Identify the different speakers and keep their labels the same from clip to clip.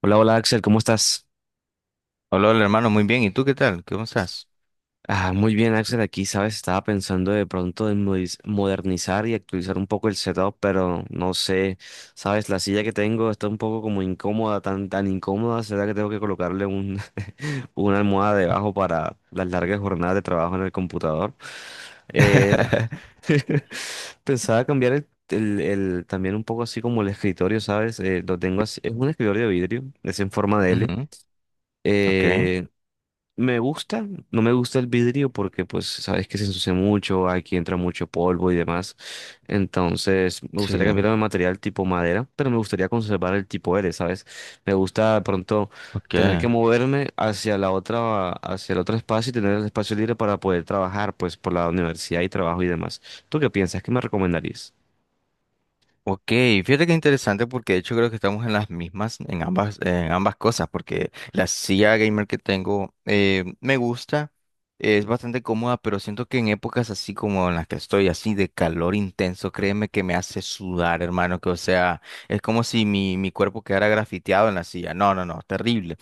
Speaker 1: Hola, hola Axel, ¿cómo estás?
Speaker 2: Hola, hola, hermano, muy bien. ¿Y tú qué tal? ¿Cómo estás?
Speaker 1: Ah, muy bien Axel, aquí sabes, estaba pensando de pronto en modernizar y actualizar un poco el setup, pero no sé, sabes, la silla que tengo está un poco como incómoda, tan, tan incómoda, será que tengo que colocarle un, una almohada debajo para las largas jornadas de trabajo en el computador. Eh, Pensaba cambiar también un poco así como el escritorio, ¿sabes? Lo tengo así, es un escritorio de vidrio, es en forma de L.
Speaker 2: Ujú. Ok,
Speaker 1: eh, Me gusta, no me gusta el vidrio porque pues sabes que se ensucia mucho, aquí entra mucho polvo y demás. Entonces me
Speaker 2: sí,
Speaker 1: gustaría cambiarlo de material tipo madera, pero me gustaría conservar el tipo L, ¿sabes? Me gusta de pronto
Speaker 2: ok.
Speaker 1: tener que moverme hacia la otra, hacia el otro espacio y tener el espacio libre para poder trabajar pues por la universidad y trabajo y demás. ¿Tú qué piensas? ¿Qué me recomendarías?
Speaker 2: Ok, fíjate que interesante porque de hecho creo que estamos en las mismas, en ambas cosas, porque la silla gamer que tengo me gusta, es bastante cómoda, pero siento que en épocas así como en las que estoy, así de calor intenso, créeme que me hace sudar, hermano, que o sea, es como si mi cuerpo quedara grafiteado en la silla. No, no, no, terrible.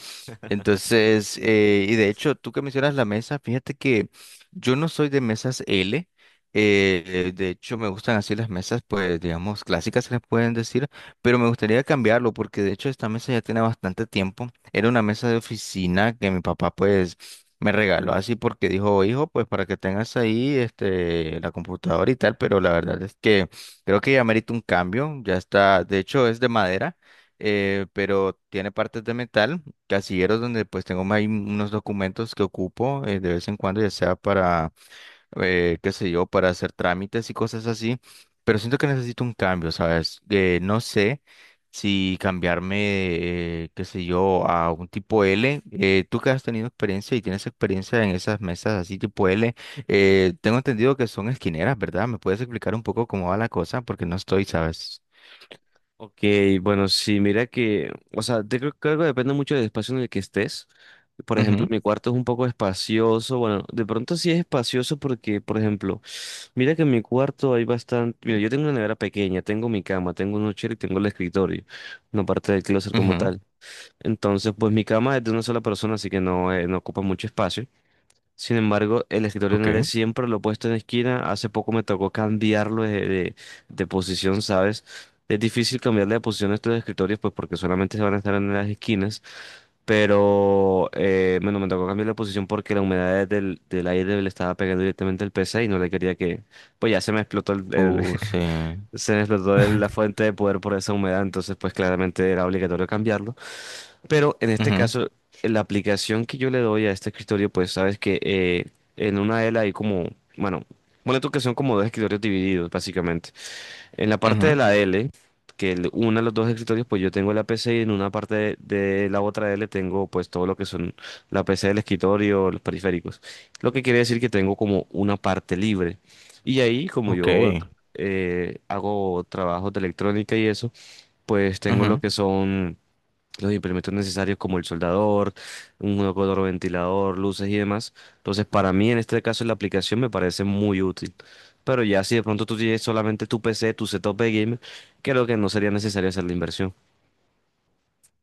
Speaker 2: Entonces, y de hecho, tú que mencionas la mesa, fíjate que yo no soy de mesas L. De hecho, me gustan así las mesas, pues, digamos, clásicas se les pueden decir, pero me gustaría cambiarlo porque de hecho esta mesa ya tiene bastante tiempo. Era una mesa de oficina que mi papá, pues, me regaló así porque dijo, hijo, pues, para que tengas ahí, este, la computadora y tal, pero la verdad es que creo que ya merita un cambio. Ya está, de hecho, es de madera, pero tiene partes de metal, casilleros donde, pues, tengo ahí unos documentos que ocupo de vez en cuando, ya sea para qué sé yo, para hacer trámites y cosas así, pero siento que necesito un cambio, ¿sabes? No sé si cambiarme, qué sé yo, a un tipo L. Tú que has tenido experiencia y tienes experiencia en esas mesas así tipo L, tengo entendido que son esquineras, ¿verdad? ¿Me puedes explicar un poco cómo va la cosa? Porque no estoy, ¿sabes?
Speaker 1: Ok, bueno, sí, mira que, o sea, te creo, creo que depende mucho del espacio en el que estés. Por ejemplo, mi cuarto es un poco espacioso. Bueno, de pronto sí es espacioso porque, por ejemplo, mira que en mi cuarto hay bastante. Mira, yo tengo una nevera pequeña, tengo mi cama, tengo un nochero y tengo el escritorio, no parte del closet
Speaker 2: Ujú,
Speaker 1: como
Speaker 2: ujú.
Speaker 1: tal. Entonces, pues mi cama es de una sola persona, así que no, no ocupa mucho espacio. Sin embargo, el escritorio no
Speaker 2: Ok.
Speaker 1: era siempre lo he puesto en esquina. Hace poco me tocó cambiarlo de posición, ¿sabes? Es difícil cambiarle de posición a estos escritorios, pues porque solamente se van a estar en las esquinas. Pero bueno, me tocó cambiar la posición porque la humedad del, del aire le estaba pegando directamente al PC y no le quería que. Pues ya se me explotó
Speaker 2: Sí.
Speaker 1: se me explotó la fuente de poder por esa humedad. Entonces, pues claramente era obligatorio cambiarlo. Pero en este
Speaker 2: Ujú,
Speaker 1: caso, la aplicación que yo le doy a este escritorio, pues sabes que en una de él hay como, bueno, bueno, tú que son como dos escritorios divididos, básicamente. En la parte de
Speaker 2: ujú.
Speaker 1: la L, que una de los dos escritorios, pues yo tengo la PC y en una parte de la otra L tengo pues todo lo que son la PC del escritorio, los periféricos. Lo que quiere decir que tengo como una parte libre. Y ahí, como
Speaker 2: Ok.
Speaker 1: yo hago trabajos de electrónica y eso, pues tengo lo
Speaker 2: Ujú.
Speaker 1: que son los implementos necesarios como el soldador, un jugador ventilador, luces y demás. Entonces, para mí en este caso la aplicación me parece muy útil. Pero ya si de pronto tú tienes solamente tu PC, tu setup de gamer, creo que no sería necesario hacer la inversión.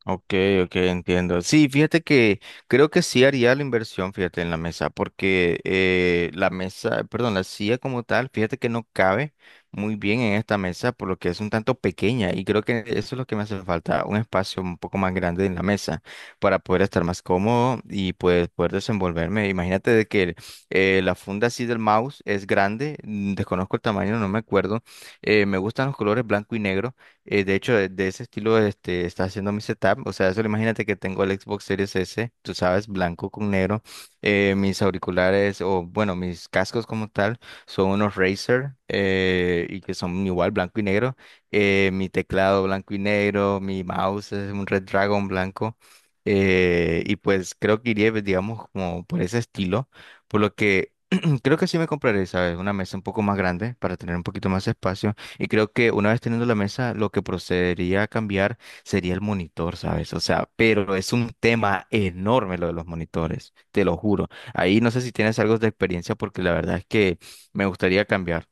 Speaker 2: Ok, ok, entiendo. Sí, fíjate que creo que sí haría la inversión, fíjate, en la mesa, porque la mesa, perdón, la silla como tal, fíjate que no cabe muy bien en esta mesa, por lo que es un tanto pequeña y creo que eso es lo que me hace falta, un espacio un poco más grande en la mesa para poder estar más cómodo y pues poder desenvolverme. Imagínate de que la funda así del mouse es grande, desconozco el tamaño, no me acuerdo. Me gustan los colores blanco y negro. De hecho, de ese estilo este, está haciendo mi setup. O sea, solo imagínate que tengo el Xbox Series S, tú sabes, blanco con negro. Mis auriculares, o bueno, mis cascos como tal, son unos Razer y que son igual blanco y negro. Mi teclado blanco y negro, mi mouse es un Red Dragon blanco. Y pues creo que iría, pues, digamos, como por ese estilo. Por lo que creo que sí me compraré, ¿sabes? Una mesa un poco más grande para tener un poquito más espacio. Y creo que una vez teniendo la mesa, lo que procedería a cambiar sería el monitor, ¿sabes? O sea, pero es un tema enorme lo de los monitores, te lo juro. Ahí no sé si tienes algo de experiencia porque la verdad es que me gustaría cambiar.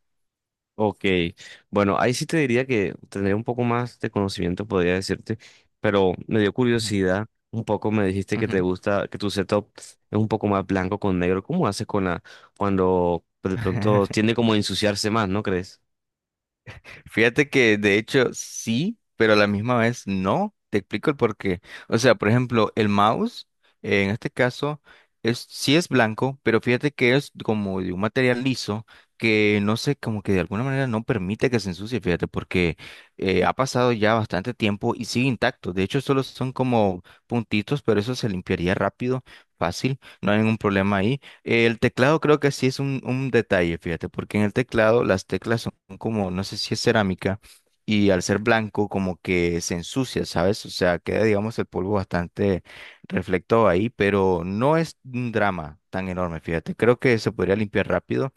Speaker 1: Ok, bueno, ahí sí te diría que tendría un poco más de conocimiento, podría decirte, pero me dio
Speaker 2: Ujú,
Speaker 1: curiosidad. Un poco me dijiste que te
Speaker 2: ujú.
Speaker 1: gusta, que tu setup es un poco más blanco con negro. ¿Cómo haces con la, cuando de pronto tiende como a ensuciarse más, ¿no crees?
Speaker 2: Fíjate que de hecho sí, pero a la misma vez no. Te explico el porqué. O sea, por ejemplo, el mouse, en este caso, es, sí es blanco, pero fíjate que es como de un material liso que no sé, como que de alguna manera no permite que se ensucie, fíjate, porque ha pasado ya bastante tiempo y sigue intacto. De hecho, solo son como puntitos, pero eso se limpiaría rápido, fácil, no hay ningún problema ahí. El teclado creo que sí es un detalle, fíjate, porque en el teclado las teclas como, no sé si es cerámica, y al ser blanco como que se ensucia, ¿sabes? O sea, queda, digamos, el polvo bastante reflectado ahí, pero no es un drama tan enorme, fíjate. Creo que se podría limpiar rápido.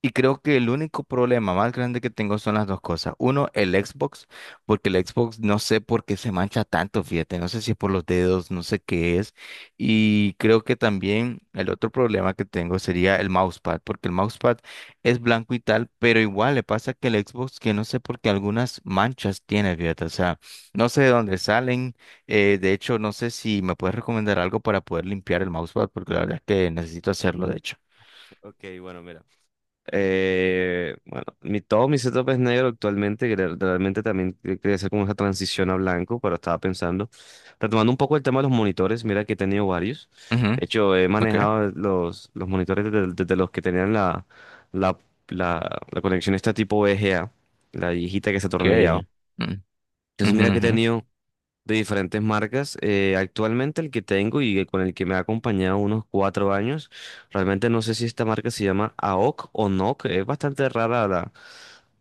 Speaker 2: Y creo que el único problema más grande que tengo son las dos cosas. Uno, el Xbox, porque el Xbox no sé por qué se mancha tanto, fíjate, no sé si es por los dedos, no sé qué es. Y creo que también el otro problema que tengo sería el mousepad, porque el mousepad es blanco y tal, pero igual le pasa que el Xbox, que no sé por qué algunas manchas tiene, fíjate, o sea, no sé de dónde salen. De hecho, no sé si me puedes recomendar algo para poder limpiar el mousepad, porque la verdad es que necesito hacerlo, de hecho.
Speaker 1: Ok, bueno, mira. Bueno, mi, todo mi setup es negro actualmente, que realmente también quería hacer como esa transición a blanco, pero estaba pensando, retomando un poco el tema de los monitores, mira que he tenido varios,
Speaker 2: Ujú,
Speaker 1: de hecho he
Speaker 2: ok.
Speaker 1: manejado los monitores desde, desde los que tenían la, la conexión esta tipo VGA, la viejita que se atornillaba,
Speaker 2: Okay. Mm,
Speaker 1: entonces
Speaker 2: ujú,
Speaker 1: mira que he
Speaker 2: ujú.
Speaker 1: tenido de diferentes marcas. Actualmente el que tengo y el con el que me ha acompañado unos 4 años, realmente no sé si esta marca se llama AOC o NOC. Es bastante rara la,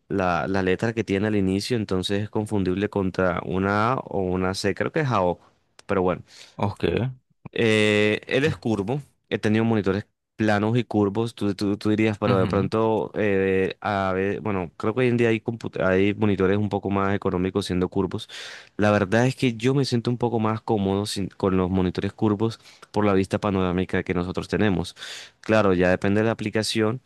Speaker 1: la, la letra que tiene al inicio, entonces es confundible contra una A o una C. Creo que es AOC, pero bueno.
Speaker 2: Okay.
Speaker 1: Él es
Speaker 2: Mm,
Speaker 1: curvo. He tenido monitores planos y curvos. Tú dirías, pero de
Speaker 2: ujú,
Speaker 1: pronto, a ver, bueno, creo que hoy en día hay monitores un poco más económicos siendo curvos. La verdad es que yo me siento un poco más cómodo con los monitores curvos por la vista panorámica que nosotros tenemos. Claro, ya depende de la aplicación.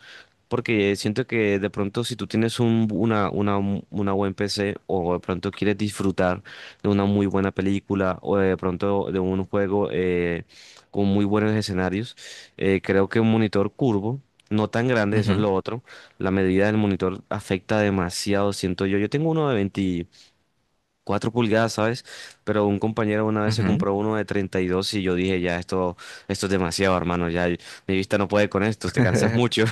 Speaker 1: Porque siento que de pronto si tú tienes una buen PC o de pronto quieres disfrutar de una muy buena película o de pronto de un juego con muy buenos escenarios, creo que un monitor curvo, no tan grande, eso es
Speaker 2: ujú,
Speaker 1: lo otro, la medida del monitor afecta demasiado, siento yo. Yo tengo uno de 24 pulgadas, ¿sabes? Pero un compañero una vez se
Speaker 2: ujú.
Speaker 1: compró uno de 32 y yo dije, ya, esto es demasiado, hermano, ya mi vista no puede con esto, te cansas mucho.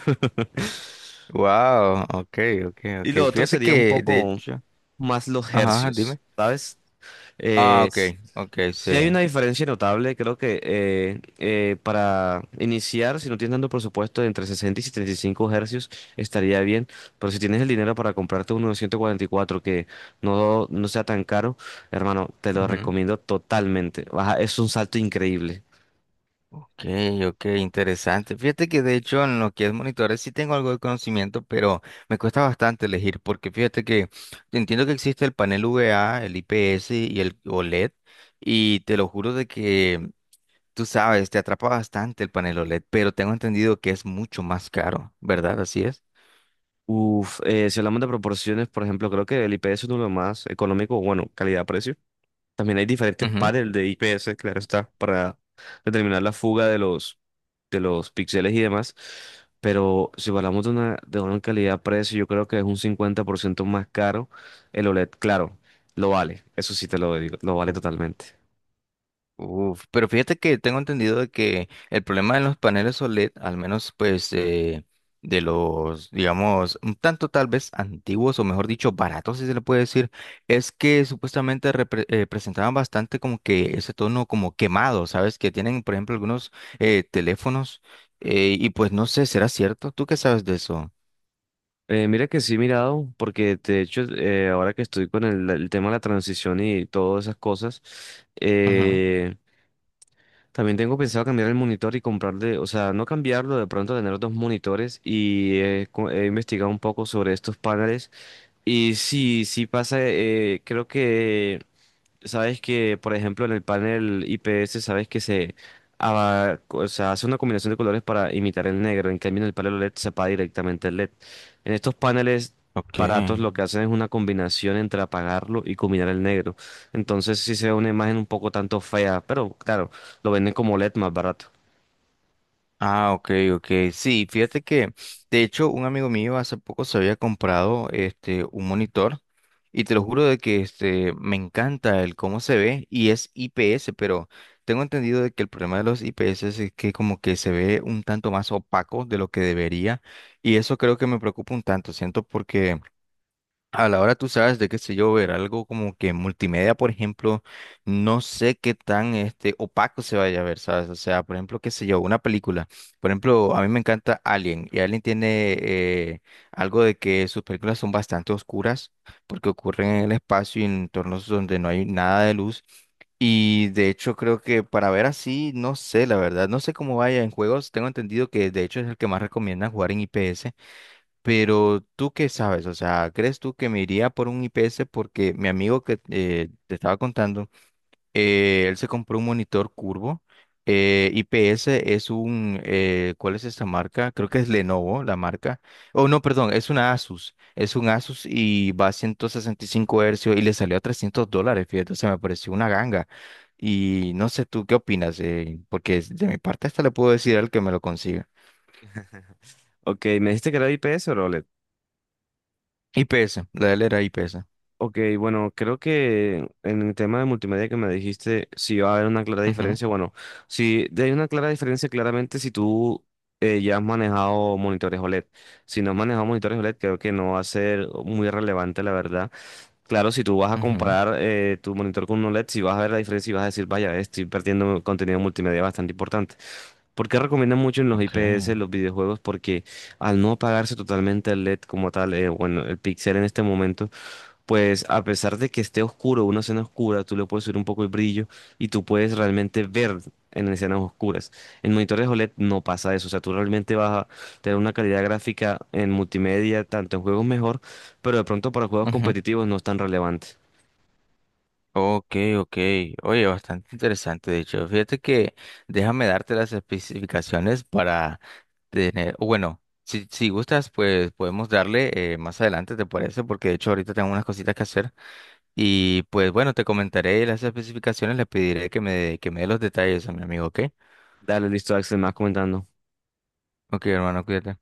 Speaker 2: Wow, okay, okay,
Speaker 1: Y lo
Speaker 2: okay.
Speaker 1: otro
Speaker 2: Fíjate
Speaker 1: sería un
Speaker 2: que de
Speaker 1: poco
Speaker 2: hecho,
Speaker 1: más los
Speaker 2: ajá,
Speaker 1: hercios,
Speaker 2: dime.
Speaker 1: ¿sabes?
Speaker 2: Ah,
Speaker 1: Eh,
Speaker 2: okay, okay,
Speaker 1: si hay
Speaker 2: sí.
Speaker 1: una diferencia notable, creo que para iniciar, si no tienes tanto presupuesto, entre 60 y 75 hercios estaría bien, pero si tienes el dinero para comprarte uno de 144 que no, no sea tan caro, hermano, te lo
Speaker 2: Ujú.
Speaker 1: recomiendo totalmente. Baja, es un salto increíble.
Speaker 2: Okay, okay, interesante. Fíjate que de hecho en lo que es monitores sí tengo algo de conocimiento, pero me cuesta bastante elegir porque fíjate que entiendo que existe el panel VA, el IPS y el OLED y te lo juro de que tú sabes, te atrapa bastante el panel OLED, pero tengo entendido que es mucho más caro, ¿verdad? Así es.
Speaker 1: Si hablamos de proporciones, por ejemplo, creo que el IPS es uno de los más económicos, bueno, calidad-precio. También hay diferentes
Speaker 2: Ujú.
Speaker 1: pares de IPS, claro está, para determinar la fuga de los píxeles y demás. Pero si hablamos de una calidad-precio, yo creo que es un 50% más caro el OLED. Claro, lo vale, eso sí te lo digo, lo vale
Speaker 2: Uf,
Speaker 1: totalmente.
Speaker 2: uf, pero fíjate que tengo entendido de que el problema de los paneles OLED, al menos pues de los, digamos, un tanto tal vez antiguos o mejor dicho, baratos, si se le puede decir, es que supuestamente presentaban bastante como que ese tono como quemado, ¿sabes? Que tienen, por ejemplo, algunos teléfonos y pues no sé, ¿será cierto? ¿Tú qué sabes de eso?
Speaker 1: Mira que sí he mirado, porque de hecho ahora que estoy con el tema de la transición y todas esas cosas,
Speaker 2: Ujú.
Speaker 1: eh, también tengo pensado cambiar el monitor y comprarle, o sea, no cambiarlo, de pronto tener dos monitores y he investigado un poco sobre estos paneles y sí, sí pasa, creo que sabes que, por ejemplo, en el panel IPS, sabes que o sea, hace una combinación de colores para imitar el negro. En cambio, en el panel OLED se apaga directamente el LED. En estos paneles
Speaker 2: Ok.
Speaker 1: baratos, lo que hacen es una combinación entre apagarlo y combinar el negro. Entonces, sí se ve una imagen un poco tanto fea, pero claro, lo venden como LED más barato.
Speaker 2: Ah, ok, ok. Sí, fíjate que, de hecho, un amigo mío hace poco se había comprado este un monitor y te lo juro de que este me encanta el cómo se ve y es IPS, pero tengo entendido de que el problema de los IPS es que como que se ve un tanto más opaco de lo que debería y eso creo que me preocupa un tanto, siento porque a la hora tú sabes de qué sé yo, ver algo como que multimedia, por ejemplo, no sé qué tan este opaco se vaya a ver, ¿sabes? O sea, por ejemplo, qué sé yo, una película. Por ejemplo, a mí me encanta Alien y Alien tiene algo de que sus películas son bastante oscuras porque ocurren en el espacio y en entornos donde no hay nada de luz. Y de hecho creo que para ver así, no sé, la verdad, no sé cómo vaya en juegos. Tengo entendido que de hecho es el que más recomiendan jugar en IPS. Pero tú qué sabes, o sea, ¿crees tú que me iría por un IPS? Porque mi amigo que te estaba contando, él se compró un monitor curvo. IPS es un, ¿cuál es esta marca? Creo que es Lenovo, la marca. Oh, no, perdón, es una Asus. Es un Asus y va a 165 hercios y le salió a $300, fíjate, o sea, me pareció una ganga. Y no sé tú qué opinas, porque de mi parte hasta le puedo decir al que me lo consiga.
Speaker 1: Ok, ¿me dijiste que era IPS o era OLED?
Speaker 2: IPS, la de él era IPS.
Speaker 1: Ok, bueno, creo que en el tema de multimedia que me dijiste, sí va a haber una clara
Speaker 2: Ujú,
Speaker 1: diferencia. Bueno, sí hay una clara diferencia, claramente si tú ya has manejado monitores OLED. Si no has manejado monitores OLED, creo que no va a ser muy relevante, la verdad. Claro, si tú vas a
Speaker 2: ujú.
Speaker 1: comparar tu monitor con un OLED, si vas a ver la diferencia y vas a decir, vaya, estoy perdiendo contenido multimedia bastante importante. ¿Por qué recomiendan mucho en los IPS
Speaker 2: Okay.
Speaker 1: los videojuegos? Porque al no apagarse totalmente el LED como tal, bueno, el pixel en este momento. Pues a pesar de que esté oscuro, una escena oscura, tú le puedes subir un poco el brillo y tú puedes realmente ver en escenas oscuras. En monitores OLED no pasa eso, o sea, tú realmente vas a tener una calidad gráfica en multimedia, tanto en juegos mejor, pero de pronto para juegos
Speaker 2: Ujú.
Speaker 1: competitivos no es tan relevante.
Speaker 2: Okay, okay. Oye, bastante interesante, de hecho. Fíjate que déjame darte las especificaciones para tener, o bueno, si gustas, pues podemos darle más adelante, ¿te parece? Porque de hecho ahorita tengo unas cositas que hacer. Y pues bueno, te comentaré las especificaciones, le pediré que me dé los detalles a mi amigo, ¿ok?
Speaker 1: Dale, listo, Axel, más comentando.
Speaker 2: Ok, hermano, cuídate.